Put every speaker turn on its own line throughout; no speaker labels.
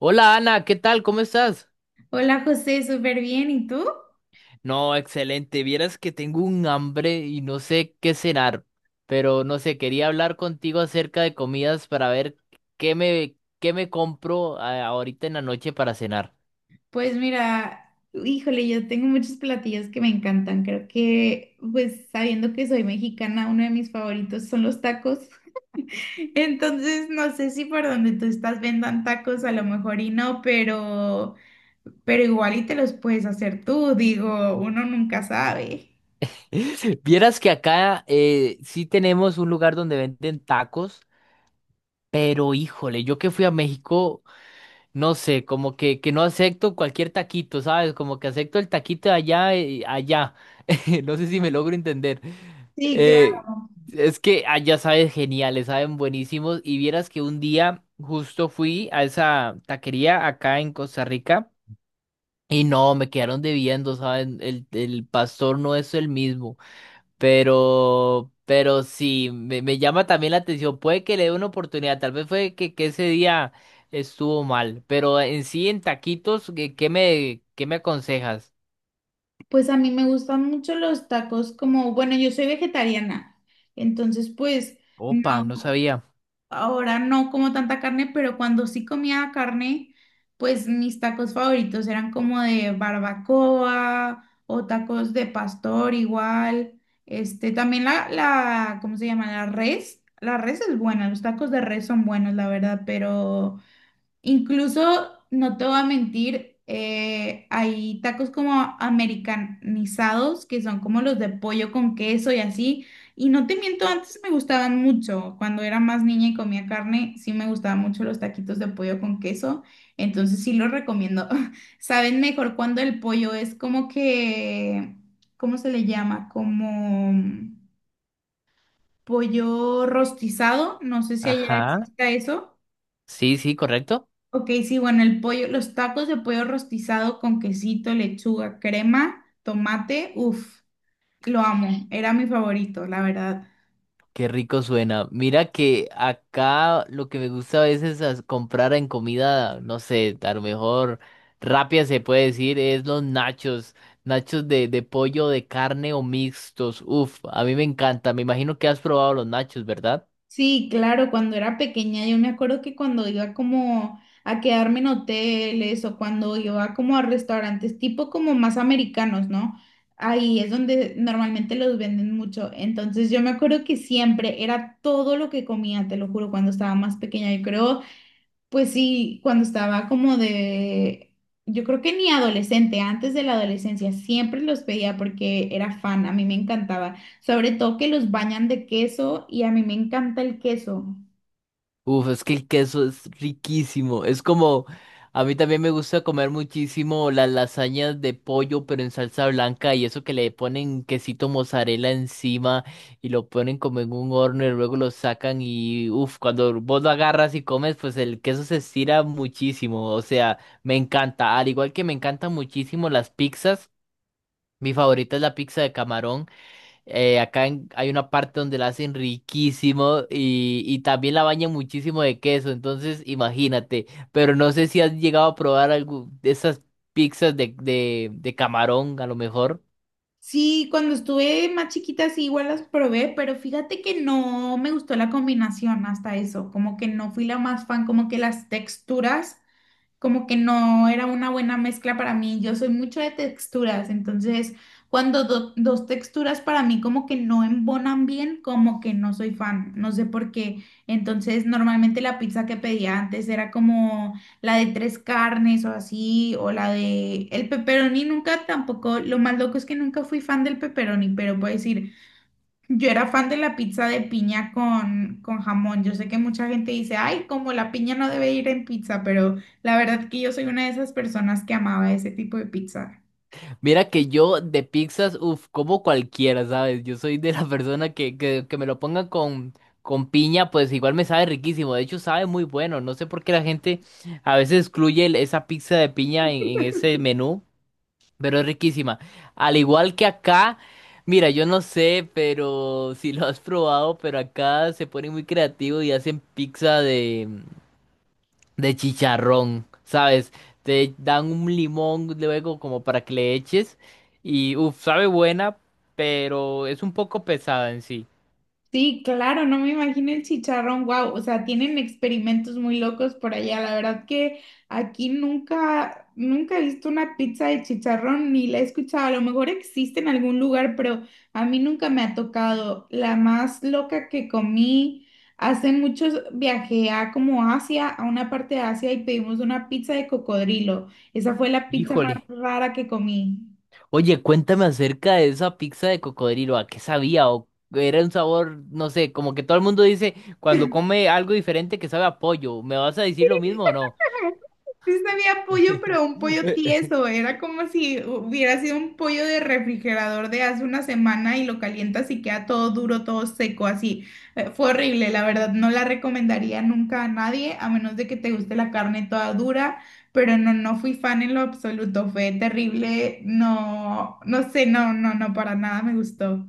Hola Ana, ¿qué tal? ¿Cómo estás?
Hola José, súper bien. ¿Y tú?
No, excelente. Vieras que tengo un hambre y no sé qué cenar, pero no sé, quería hablar contigo acerca de comidas para ver qué me compro ahorita en la noche para cenar.
Pues mira, híjole, yo tengo muchos platillos que me encantan. Creo que, pues sabiendo que soy mexicana, uno de mis favoritos son los tacos. Entonces, no sé si por donde tú estás vendan tacos, a lo mejor y no, pero igual y te los puedes hacer tú. Digo, uno nunca sabe.
Vieras que acá sí tenemos un lugar donde venden tacos, pero híjole, yo que fui a México no sé, que no acepto cualquier taquito, ¿sabes? Como que acepto el taquito de allá, allá. No sé si me logro entender.
Sí,
Eh,
claro.
es que allá sabes geniales, saben buenísimos. Y vieras que un día justo fui a esa taquería acá en Costa Rica y no, me quedaron debiendo, ¿saben? El pastor no es el mismo. Pero sí, me llama también la atención. Puede que le dé una oportunidad. Tal vez fue que ese día estuvo mal. Pero en sí, en taquitos, ¿ qué me aconsejas?
Pues a mí me gustan mucho los tacos como, bueno, yo soy vegetariana, entonces pues...
Opa, no
No,
sabía.
ahora no como tanta carne, pero cuando sí comía carne, pues mis tacos favoritos eran como de barbacoa o tacos de pastor igual. Este, también la, ¿cómo se llama? La res. La res es buena, los tacos de res son buenos, la verdad, pero incluso, no te voy a mentir, hay tacos como americanizados, que son como los de pollo con queso y así. Y no te miento, antes me gustaban mucho. Cuando era más niña y comía carne, sí me gustaban mucho los taquitos de pollo con queso. Entonces sí los recomiendo. Saben mejor cuando el pollo es como que, ¿cómo se le llama? Como pollo rostizado. No sé si allá
Ajá.
exista eso.
Sí, sí, correcto.
Ok, sí, bueno, el pollo, los tacos de pollo rostizado con quesito, lechuga, crema, tomate, uff, lo amo, era mi favorito, la verdad.
Qué rico suena. Mira que acá lo que me gusta a veces es comprar en comida, no sé, a lo mejor rápida se puede decir, es los nachos, nachos de pollo, de carne o mixtos. Uf, a mí me encanta. Me imagino que has probado los nachos, ¿verdad?
Sí, claro, cuando era pequeña yo me acuerdo que cuando iba como a quedarme en hoteles o cuando iba como a restaurantes tipo como más americanos, ¿no? Ahí es donde normalmente los venden mucho. Entonces yo me acuerdo que siempre era todo lo que comía, te lo juro, cuando estaba más pequeña. Yo creo, pues sí, cuando estaba como de, yo creo que ni adolescente, antes de la adolescencia, siempre los pedía porque era fan, a mí me encantaba, sobre todo que los bañan de queso y a mí me encanta el queso.
Uf, es que el queso es riquísimo. Es como, a mí también me gusta comer muchísimo las lasañas de pollo, pero en salsa blanca y eso que le ponen quesito mozzarella encima y lo ponen como en un horno y luego lo sacan y, uf, cuando vos lo agarras y comes, pues el queso se estira muchísimo. O sea, me encanta. Al igual que me encantan muchísimo las pizzas, mi favorita es la pizza de camarón. Acá hay una parte donde la hacen riquísimo y también la bañan muchísimo de queso, entonces imagínate, pero no sé si has llegado a probar algo de esas pizzas de camarón, a lo mejor.
Sí, cuando estuve más chiquita sí igual las probé, pero fíjate que no me gustó la combinación hasta eso, como que no fui la más fan, como que las texturas como que no era una buena mezcla para mí. Yo soy mucho de texturas, entonces cuando dos texturas para mí como que no embonan bien, como que no soy fan, no sé por qué. Entonces normalmente la pizza que pedía antes era como la de tres carnes o así, o la de el pepperoni, nunca tampoco, lo más loco es que nunca fui fan del pepperoni, pero puedo decir... Yo era fan de la pizza de piña con jamón. Yo sé que mucha gente dice, ay, como la piña no debe ir en pizza, pero la verdad que yo soy una de esas personas que amaba ese tipo de pizza.
Mira que yo de pizzas, uff, como cualquiera, ¿sabes? Yo soy de la persona que me lo pongan con piña, pues igual me sabe riquísimo, de hecho sabe muy bueno, no sé por qué la gente a veces excluye esa pizza de piña en ese menú. Pero es riquísima. Al igual que acá, mira, yo no sé, pero si lo has probado, pero acá se ponen muy creativos y hacen pizza de chicharrón, ¿sabes? Te dan un limón luego como para que le eches y, uff, sabe buena, pero es un poco pesada en sí.
Sí, claro, no me imagino el chicharrón, wow, o sea, tienen experimentos muy locos por allá, la verdad que aquí nunca, nunca he visto una pizza de chicharrón ni la he escuchado, a lo mejor existe en algún lugar, pero a mí nunca me ha tocado. La más loca que comí, hace muchos viajé a como Asia, a una parte de Asia y pedimos una pizza de cocodrilo, esa fue la pizza más
Híjole.
rara que comí.
Oye, cuéntame acerca de esa pizza de cocodrilo, ¿a qué sabía? ¿O era un sabor, no sé, como que todo el mundo dice cuando come algo diferente que sabe a pollo? ¿Me vas a decir lo mismo o no?
Sí sabía pollo, pero un pollo tieso. Era como si hubiera sido un pollo de refrigerador de hace una semana y lo calientas y queda todo duro, todo seco, así. Fue horrible, la verdad. No la recomendaría nunca a nadie, a menos de que te guste la carne toda dura. Pero no, no fui fan en lo absoluto. Fue terrible. No, no sé, no, no, no, para nada me gustó.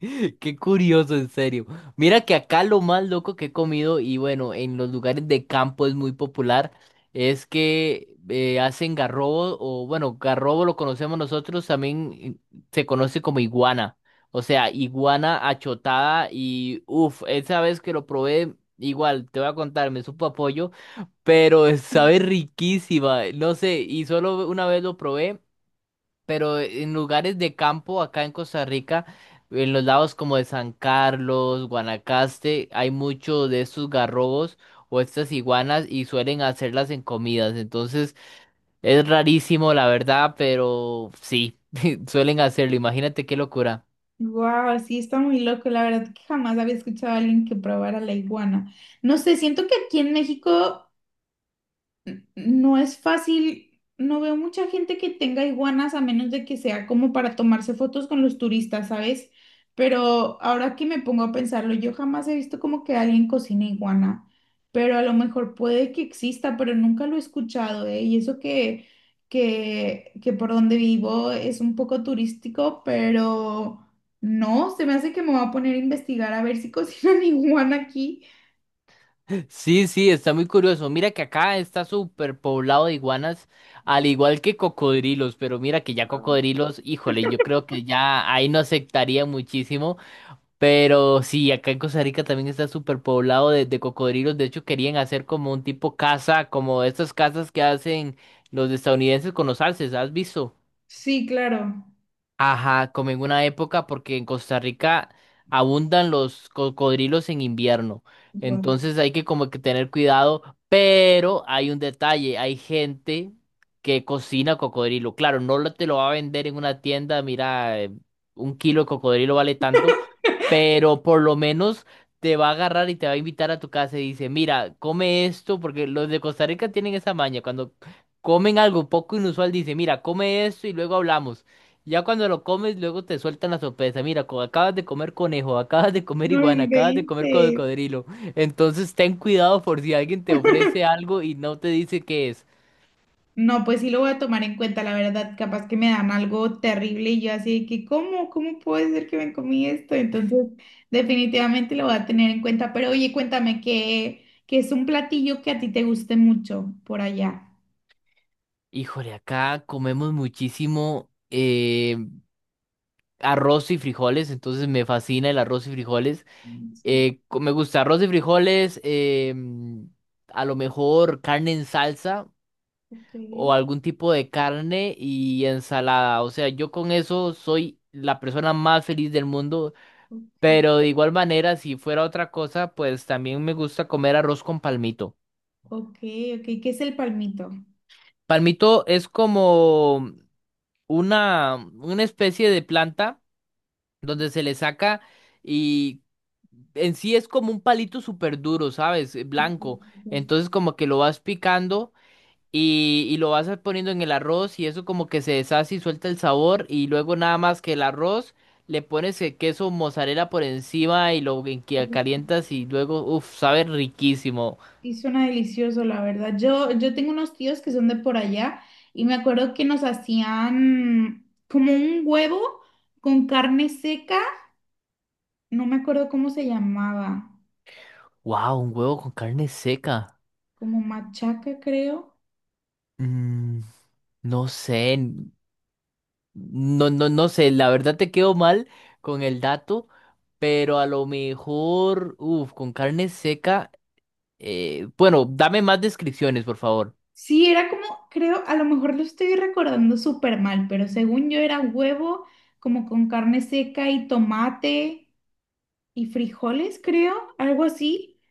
Qué curioso, en serio. Mira que acá lo más loco que he comido, y bueno, en los lugares de campo es muy popular, es que hacen garrobo, o bueno, garrobo lo conocemos nosotros, también se conoce como iguana. O sea, iguana achotada, y uff, esa vez que lo probé, igual, te voy a contar, me supo apoyo, pero sabe riquísima, no sé, y solo una vez lo probé pero en lugares de campo acá en Costa Rica, en los lados como de San Carlos, Guanacaste, hay mucho de estos garrobos o estas iguanas y suelen hacerlas en comidas. Entonces es rarísimo, la verdad, pero sí, suelen hacerlo. Imagínate qué locura.
Wow, sí, está muy loco. La verdad que jamás había escuchado a alguien que probara la iguana. No sé, siento que aquí en México no es fácil, no veo mucha gente que tenga iguanas a menos de que sea como para tomarse fotos con los turistas, ¿sabes? Pero ahora que me pongo a pensarlo, yo jamás he visto como que alguien cocina iguana, pero a lo mejor puede que exista, pero nunca lo he escuchado, ¿eh? Y eso que, que por donde vivo es un poco turístico, pero no, se me hace que me voy a poner a investigar a ver si cocinan iguana aquí.
Sí, sí, está muy curioso. Mira que acá está súper poblado de iguanas, al igual que cocodrilos, pero mira que ya
Claro.
cocodrilos, híjole, yo creo que ya ahí no aceptaría muchísimo. Pero sí, acá en Costa Rica también está súper poblado de cocodrilos. De hecho, querían hacer como un tipo casa, como estas casas que hacen los estadounidenses con los alces. ¿Has visto?
Sí, claro.
Ajá, como en una época, porque en Costa Rica abundan los cocodrilos en invierno. Entonces hay que como que tener cuidado, pero hay un detalle, hay gente que cocina cocodrilo. Claro, no lo- te lo va a vender en una tienda, mira, un kilo de cocodrilo vale tanto, pero por lo menos te va a agarrar y te va a invitar a tu casa y dice, mira, come esto, porque los de Costa Rica tienen esa maña, cuando comen algo poco inusual, dice, mira, come esto y luego hablamos. Ya cuando lo comes, luego te sueltan la sorpresa. Mira, acabas de comer conejo, acabas de comer
No
iguana, acabas de comer
inventes.
cocodrilo. Entonces ten cuidado por si alguien te ofrece algo y no te dice qué es.
No, pues sí lo voy a tomar en cuenta, la verdad, capaz que me dan algo terrible y yo así de que, ¿cómo? ¿Cómo puede ser que me comí esto? Entonces, definitivamente lo voy a tener en cuenta. Pero oye, cuéntame que es un platillo que a ti te guste mucho por allá.
Híjole, acá comemos muchísimo arroz y frijoles, entonces me fascina el arroz y frijoles.
Mm, sí,
Me gusta arroz y frijoles, a lo mejor carne en salsa,
ok,
o algún tipo de carne y ensalada. O sea, yo con eso soy la persona más feliz del mundo,
ok.
pero de igual manera, si fuera otra cosa, pues también me gusta comer arroz con palmito.
Ok, ok, ¿qué es el palmito?
Palmito es como una especie de planta donde se le saca y en sí es como un palito súper duro, ¿sabes?
Ok,
Blanco. Entonces como que lo vas picando, y lo vas poniendo en el arroz y eso como que se deshace y suelta el sabor y luego nada más que el arroz le pones el queso mozzarella por encima y que
ok.
calientas y luego, uff, sabe riquísimo.
Sí, suena delicioso, la verdad. Yo tengo unos tíos que son de por allá y me acuerdo que nos hacían como un huevo con carne seca, no me acuerdo cómo se llamaba,
Wow, un huevo con carne seca.
como machaca, creo.
Mm, no sé, no sé, la verdad te quedo mal con el dato, pero a lo mejor, uff, con carne seca, bueno, dame más descripciones, por favor.
Sí, era como, creo, a lo mejor lo estoy recordando súper mal, pero según yo era huevo como con carne seca y tomate y frijoles, creo, algo así.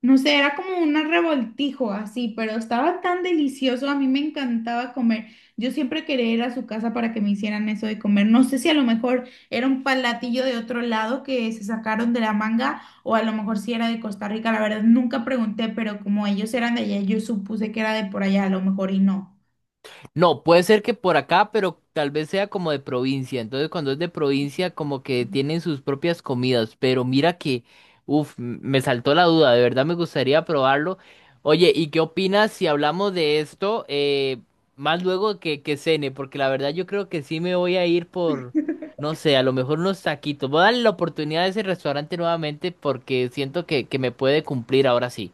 No sé, era como un revoltijo así, pero estaba tan delicioso, a mí me encantaba comer. Yo siempre quería ir a su casa para que me hicieran eso de comer. No sé si a lo mejor era un palatillo de otro lado que se sacaron de la manga o a lo mejor si era de Costa Rica, la verdad nunca pregunté, pero como ellos eran de allá, yo supuse que era de por allá, a lo mejor y no.
No, puede ser que por acá, pero tal vez sea como de provincia. Entonces, cuando es de provincia, como que tienen sus propias comidas. Pero mira que, uff, me saltó la duda. De verdad me gustaría probarlo. Oye, ¿y qué opinas si hablamos de esto más luego que cene? Porque la verdad yo creo que sí me voy a ir por, no sé, a lo mejor unos taquitos. Voy a darle la oportunidad a ese restaurante nuevamente porque siento que me puede cumplir ahora sí.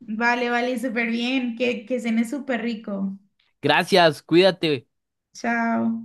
Vale, vale, súper bien, que cené súper rico.
Gracias, cuídate.
Chao.